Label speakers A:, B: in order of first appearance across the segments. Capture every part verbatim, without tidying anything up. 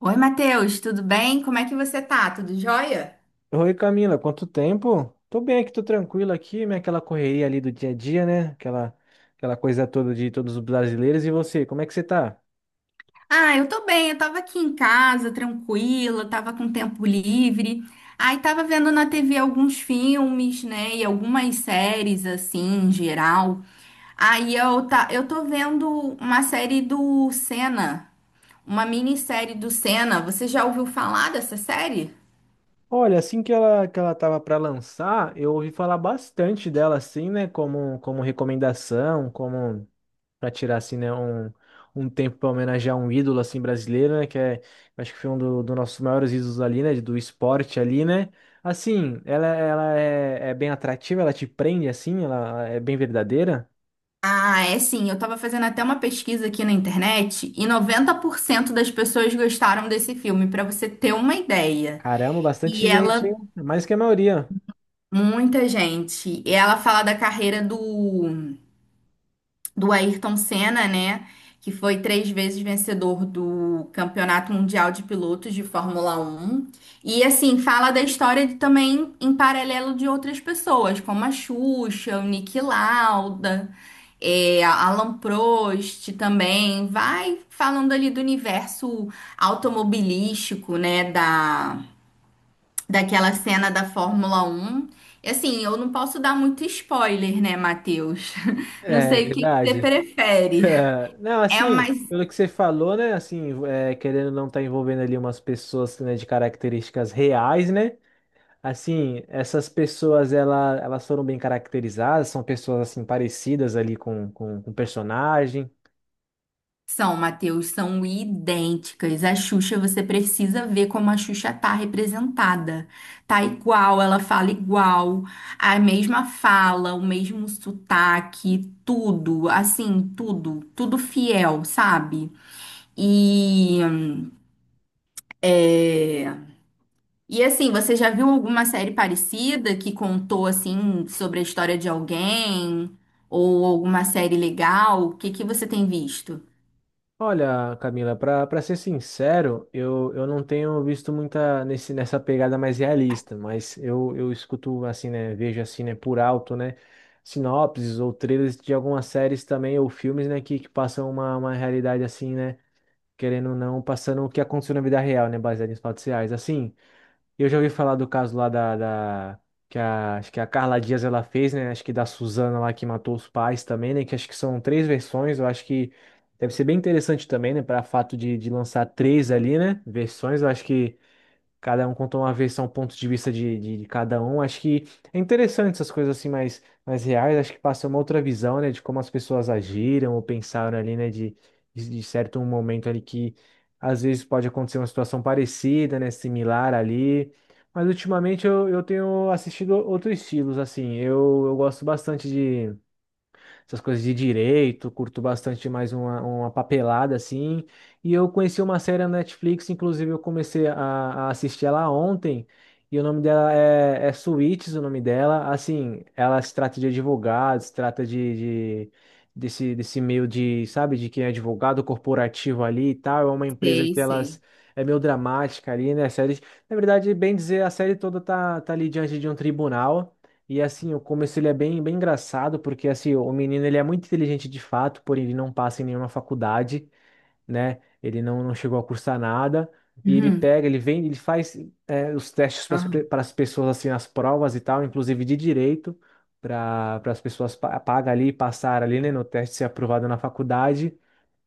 A: Oi, Matheus, tudo bem? Como é que você tá? Tudo jóia?
B: Oi, Camila, quanto tempo? Tô bem aqui, tô tranquilo aqui, né? Aquela correria ali do dia a dia, né? Aquela, aquela coisa toda de todos os brasileiros. E você, como é que você tá?
A: Ah, eu tô bem, eu tava aqui em casa, tranquila, tava com tempo livre. Aí tava vendo na T V alguns filmes, né, e algumas séries, assim, em geral. Aí eu, tá, eu tô vendo uma série do Senna, uma minissérie do Senna. Você já ouviu falar dessa série?
B: Olha, assim que ela, que ela tava para lançar, eu ouvi falar bastante dela, assim, né? Como, como recomendação, como. Pra tirar assim, né, um, um tempo pra homenagear um ídolo assim brasileiro, né, que é, eu acho que foi um do, dos nossos maiores ídolos ali, né, do esporte ali, né? Assim, ela, ela é, é bem atrativa, ela te prende assim, ela é bem verdadeira.
A: Ah, é sim. Eu tava fazendo até uma pesquisa aqui na internet e noventa por cento das pessoas gostaram desse filme, pra você ter uma ideia.
B: Caramba, bastante
A: E
B: gente, hein?
A: ela,
B: Mais que a maioria.
A: muita gente, e ela fala da carreira do do Ayrton Senna, né? Que foi três vezes vencedor do Campeonato Mundial de Pilotos de Fórmula Um. E assim, fala da história de- também em paralelo de outras pessoas, como a Xuxa, o Niki Lauda, é, a Alan Prost também. Vai falando ali do universo automobilístico, né? Da, daquela cena da Fórmula Um. E assim, eu não posso dar muito spoiler, né, Matheus? Não
B: É
A: sei o que que você
B: verdade.
A: prefere.
B: Não,
A: É uma.
B: assim, pelo que você falou, né? Assim, é, querendo não estar envolvendo ali umas pessoas, né, de características reais, né? Assim, essas pessoas ela, elas foram bem caracterizadas, são pessoas assim parecidas ali com, com, com o personagem.
A: São, Matheus, são idênticas. A Xuxa, você precisa ver como a Xuxa tá representada. Tá igual, ela fala igual, a mesma fala, o mesmo sotaque, tudo, assim, tudo, tudo fiel, sabe? E. é, E assim, você já viu alguma série parecida que contou assim sobre a história de alguém ou alguma série legal? O que que você tem visto?
B: Olha, Camila, para para ser sincero, eu, eu não tenho visto muita nesse, nessa pegada mais realista, mas eu, eu escuto assim, né, vejo assim, né, por alto, né, sinopses ou trailers de algumas séries também ou filmes, né, que, que passam uma, uma realidade assim, né, querendo ou não, passando o que aconteceu na vida real, né, baseado em fatos reais. Assim, eu já ouvi falar do caso lá da, da- que a, acho que a Carla Dias ela fez, né? Acho que da Suzana lá que matou os pais também, né? Que acho que são três versões. Eu acho que deve ser bem interessante também, né? Para fato de, de lançar três ali, né? Versões, eu acho que cada um contou uma versão, ponto de vista de, de, de cada um. Acho que é interessante essas coisas assim mais, mais reais. Acho que passa uma outra visão, né, de como as pessoas agiram ou pensaram ali, né, de, de de certo momento ali que às vezes pode acontecer uma situação parecida, né, similar ali. Mas ultimamente eu, eu tenho assistido outros estilos, assim. Eu, eu gosto bastante essas coisas de direito, curto bastante mais uma, uma papelada assim. E eu conheci uma série na Netflix, inclusive eu comecei a, a assistir ela ontem, e o nome dela é, é Suits, o nome dela. Assim, ela se trata de advogados, se trata de, de- desse, desse meio de, sabe, de quem é advogado corporativo ali e tal. É uma empresa
A: Sei,
B: que elas.
A: sei.
B: É meio dramática ali, né? A série, na verdade, bem dizer, a série toda tá, tá ali diante de um tribunal. E assim, o começo ele é bem, bem engraçado, porque assim, o menino ele é muito inteligente de fato, porém ele não passa em nenhuma faculdade, né? Ele não, não chegou a cursar nada. E ele
A: Uhum.
B: pega, ele vem, ele faz é, os testes
A: Aham.
B: para as pessoas, assim, as provas e tal, inclusive de direito, para as pessoas pa- pagar ali, passar ali, né, no teste, ser aprovado na faculdade.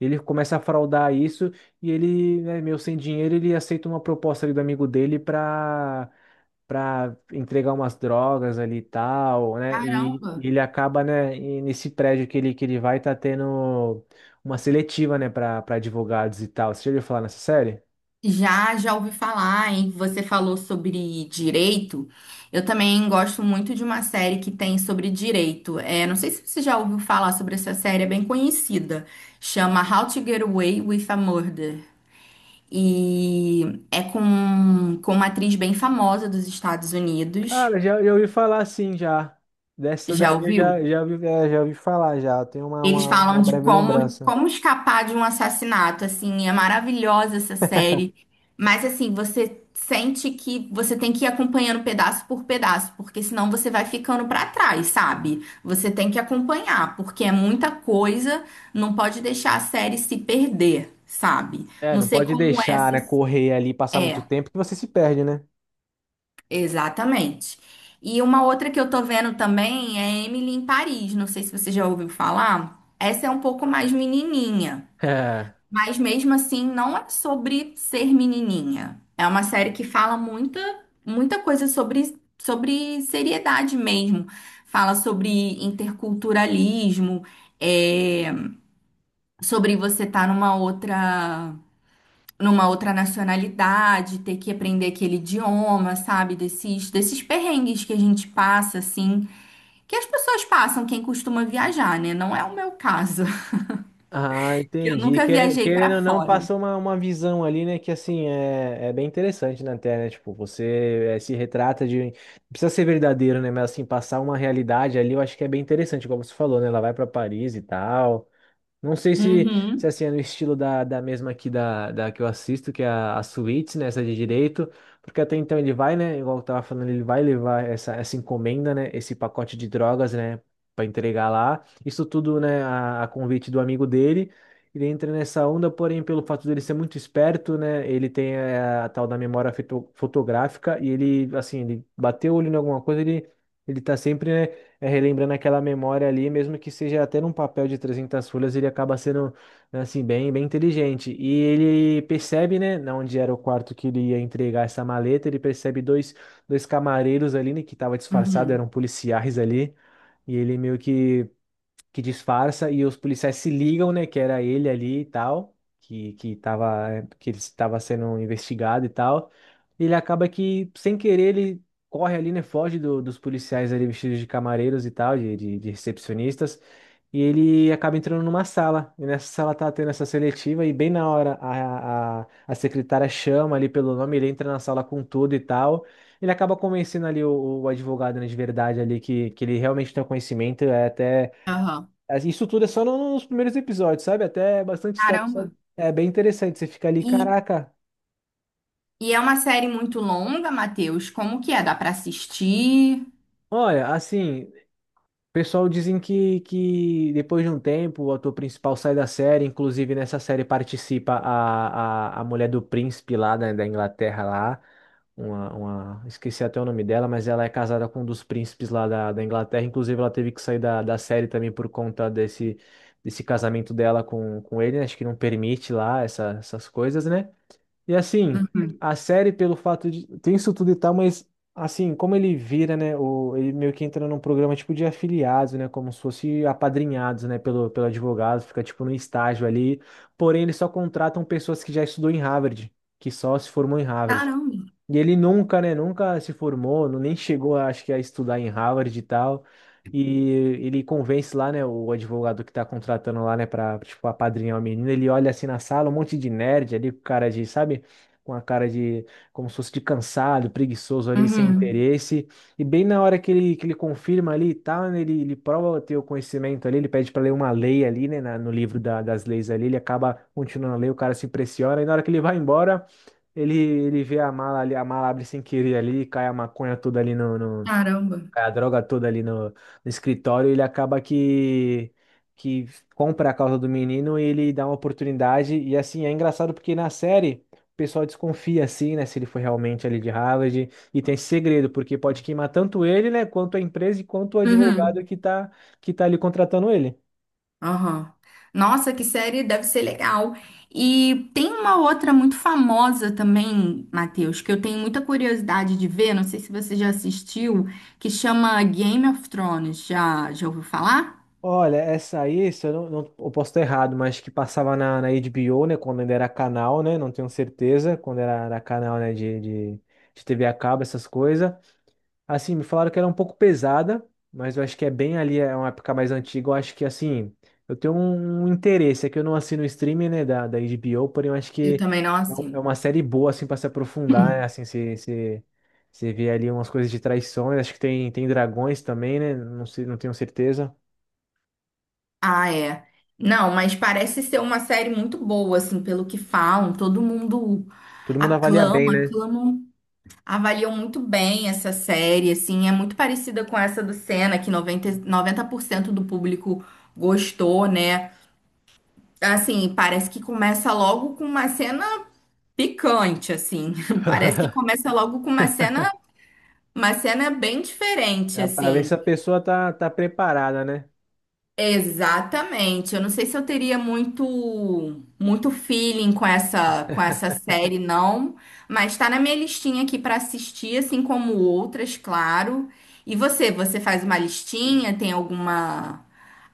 B: Ele começa a fraudar isso e ele, né, meio sem dinheiro, ele aceita uma proposta ali do amigo dele para para entregar umas drogas ali e tal, né? E, e
A: Caramba,
B: ele acaba, né, e nesse prédio que ele, que ele vai, tá tendo uma seletiva, né, para para advogados e tal. Você já ouviu falar nessa série?
A: já já ouvi falar, hein? Você falou sobre direito. Eu também gosto muito de uma série que tem sobre direito. É, não sei se você já ouviu falar sobre essa série, é bem conhecida. Chama How to Get Away with a Murder. E é com, com uma atriz bem famosa dos Estados Unidos.
B: Cara, já, já ouvi falar sim, já. Dessa
A: Já
B: daí eu já,
A: ouviu?
B: já ouvi, é, já ouvi falar já. Eu tenho uma,
A: Eles
B: uma, uma
A: falam de
B: breve
A: como,
B: lembrança.
A: como escapar de um assassinato, assim, é maravilhosa essa série. Mas assim, você sente que você tem que ir acompanhando pedaço por pedaço, porque senão você vai ficando pra trás, sabe? Você tem que acompanhar, porque é muita coisa, não pode deixar a série se perder, sabe?
B: É,
A: Não
B: não
A: sei
B: pode
A: como
B: deixar,
A: essa
B: né, correr ali, passar
A: é.
B: muito tempo que você se perde, né?
A: Exatamente. E uma outra que eu tô vendo também é Emily em Paris. Não sei se você já ouviu falar. Essa é um pouco mais menininha, mas mesmo assim não é sobre ser menininha. É uma série que fala muita, muita coisa sobre, sobre seriedade mesmo. Fala sobre interculturalismo, é, sobre você estar numa outra numa outra nacionalidade, ter que aprender aquele idioma, sabe? Desses, desses perrengues que a gente passa, assim, que as pessoas passam, quem costuma viajar, né? Não é o meu caso,
B: Ah,
A: que eu
B: entendi.
A: nunca
B: Quere-
A: viajei pra
B: Querendo ou não,
A: fora.
B: passou uma, uma visão ali, né? Que assim é, é bem interessante na tela, né? Tipo, você eh, se retrata de. Não precisa ser verdadeiro, né? Mas assim, passar uma realidade ali, eu acho que é bem interessante, como você falou, né? Ela vai pra Paris e tal. Não sei se, se
A: Uhum.
B: assim, é no estilo da, da mesma aqui da, da que eu assisto, que é a, a Suits, né? Essa de direito. Porque até então ele vai, né? Igual eu tava falando, ele vai levar essa, essa encomenda, né? Esse pacote de drogas, né? Pra entregar lá. Isso tudo, né? A, a convite do amigo dele. Ele entra nessa onda, porém, pelo fato dele ser muito esperto, né? Ele tem a, a tal da memória fito- fotográfica e ele, assim, ele bateu o olho em alguma coisa, ele, ele tá sempre, né? É, relembrando aquela memória ali, mesmo que seja até num papel de trezentas folhas, ele acaba sendo, né, assim, bem, bem inteligente. E ele percebe, né, na onde era o quarto que ele ia entregar essa maleta, ele percebe dois, dois camareiros ali, né, que estavam disfarçados,
A: Uhum.
B: eram policiais ali, e ele meio que que disfarça e os policiais se ligam, né, que era ele ali e tal, que que tava que ele estava sendo investigado e tal. Ele acaba que sem querer ele corre ali, né, foge do- dos policiais ali vestidos de camareiros e tal, de, de, de recepcionistas, e ele acaba entrando numa sala. E nessa sala tá tendo essa seletiva e bem na hora a, a, a secretária chama ali pelo nome, ele entra na sala com tudo e tal. Ele acaba convencendo ali o, o advogado, né, de verdade ali que, que ele realmente tem o conhecimento, é até
A: Aham.
B: isso tudo é só no- nos primeiros episódios, sabe? Até bastante história. Sabe?
A: Caramba.
B: É bem interessante. Você fica ali,
A: E,
B: caraca.
A: e é uma série muito longa, Matheus. Como que é? Dá pra assistir?
B: Olha, assim, o pessoal dizem que, que depois de um tempo o ator principal sai da série. Inclusive, nessa série participa a, a, a mulher do príncipe lá da, da Inglaterra lá. Uma, uma, esqueci até o nome dela, mas ela é casada com um dos príncipes lá da, da Inglaterra. Inclusive, ela teve que sair da, da série também por conta desse, desse casamento dela com, com ele, né? Acho que não permite lá essa- essas coisas, né? E assim,
A: Uhum.
B: a série, pelo fato de. Tem isso tudo e tal, mas assim, como ele vira, né? O... Ele meio que entra num programa tipo de afiliados, né? Como se fosse apadrinhados, né? Pelo, pelo advogado, fica tipo num estágio ali. Porém, eles só contratam pessoas que já estudou em Harvard, que só se formou em Harvard.
A: Caramba.
B: E ele nunca, né, nunca se formou, não- nem chegou, acho que, a estudar em Harvard e tal. E ele convence lá, né, o advogado que tá contratando lá, né, pra, tipo, apadrinhar o menino. Ele olha assim na sala, um monte de nerd ali, com cara de, sabe, com a cara de, como se fosse de cansado, preguiçoso ali, sem
A: Uhum.
B: interesse. E bem na hora que ele, que ele confirma ali e tal, né, ele, ele prova ter o conhecimento ali, ele pede pra ler uma lei ali, né, na- no livro da- das leis ali, ele acaba continuando a ler, o cara se impressiona. E na hora que ele vai embora. Ele, ele vê a mala ali, a mala abre sem querer ali, cai a maconha toda ali no, no-
A: Caramba.
B: cai a droga toda ali no, no escritório, ele acaba que, que compra a causa do menino e ele dá uma oportunidade. E assim, é engraçado porque na série o pessoal desconfia assim, né, se ele foi realmente ali de Harvard. E tem esse segredo, porque pode queimar tanto ele, né, quanto a empresa e quanto o advogado
A: Uhum.
B: que tá, que tá ali contratando ele.
A: Aham. Nossa, que série deve ser legal. E tem uma outra muito famosa também, Matheus, que eu tenho muita curiosidade de ver, não sei se você já assistiu, que chama Game of Thrones. Já, já ouviu falar?
B: Olha, essa aí, se eu não, não- eu posso estar errado, mas que passava na, na H B O, né? Quando ainda era canal, né? Não tenho certeza, quando era, era canal, né? De, de, de T V a cabo, essas coisas. Assim, me falaram que era um pouco pesada, mas eu acho que é bem ali, é uma época mais antiga. Eu acho que, assim, eu tenho um, um interesse, é que eu não assino o streaming, né? Da, da H B O, porém eu acho
A: Eu
B: que
A: também não
B: é um- é
A: assim.
B: uma série boa, assim, para se aprofundar, né? Assim, se, se... Você vê ali umas coisas de traições, acho que tem, tem dragões também, né? Não sei, não tenho certeza.
A: Ah, é. Não, mas parece ser uma série muito boa, assim, pelo que falam. Todo mundo
B: Todo mundo avalia bem,
A: aclama,
B: né?
A: aclama. um Avaliam muito bem essa série, assim, é muito parecida com essa do Senna, que noventa noventa por cento do público gostou, né? Assim, parece que começa logo com uma cena picante, assim. Parece que começa logo com uma cena, uma cena bem diferente,
B: Já pra ver
A: assim.
B: se a pessoa tá, tá preparada, né?
A: Exatamente. Eu não sei se eu teria muito muito feeling com essa com essa série não, mas tá na minha listinha aqui pra assistir, assim como outras, claro. E você, você faz uma listinha, tem alguma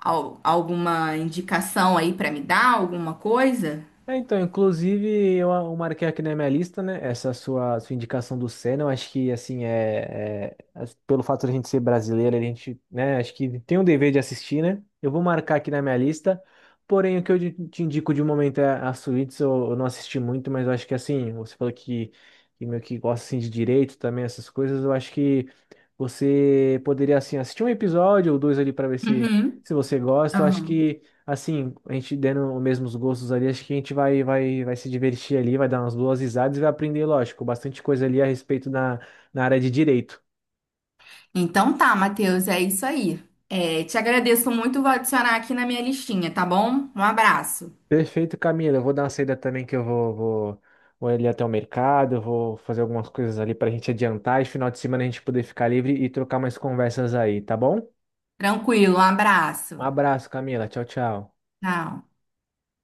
A: al- alguma indicação aí pra me dar, alguma coisa?
B: É, então, inclusive, eu, eu marquei aqui na minha lista, né? Essa sua, sua indicação do Senna, eu acho que, assim, é, é- as- pelo fato de a gente ser brasileiro, a gente, né, acho que tem um dever de assistir, né? Eu vou marcar aqui na minha lista, porém, o que eu de- te indico de momento é a Suítes, eu, eu não assisti muito, mas eu acho que, assim, você falou que, que meio que gosta, assim, de direito também, essas coisas, eu acho que você poderia, assim, assistir um episódio ou dois ali para ver se,
A: Uhum.
B: se você gosta, eu acho
A: Aham.
B: que assim, a gente dando os mesmos gostos ali, acho que a gente vai, vai, vai se divertir ali, vai dar umas boas risadas e vai aprender, lógico, bastante coisa ali a respeito na, na área de direito.
A: Então tá, Matheus, é isso aí. É, te agradeço muito, vou adicionar aqui na minha listinha, tá bom? Um abraço.
B: Perfeito, Camila. Eu vou dar uma saída também que eu vou, vou, vou ali até o mercado, vou fazer algumas coisas ali pra gente adiantar e final de semana a gente poder ficar livre e trocar mais conversas aí, tá bom?
A: Tranquilo, um
B: Um
A: abraço.
B: abraço, Camila. Tchau, tchau.
A: Tchau.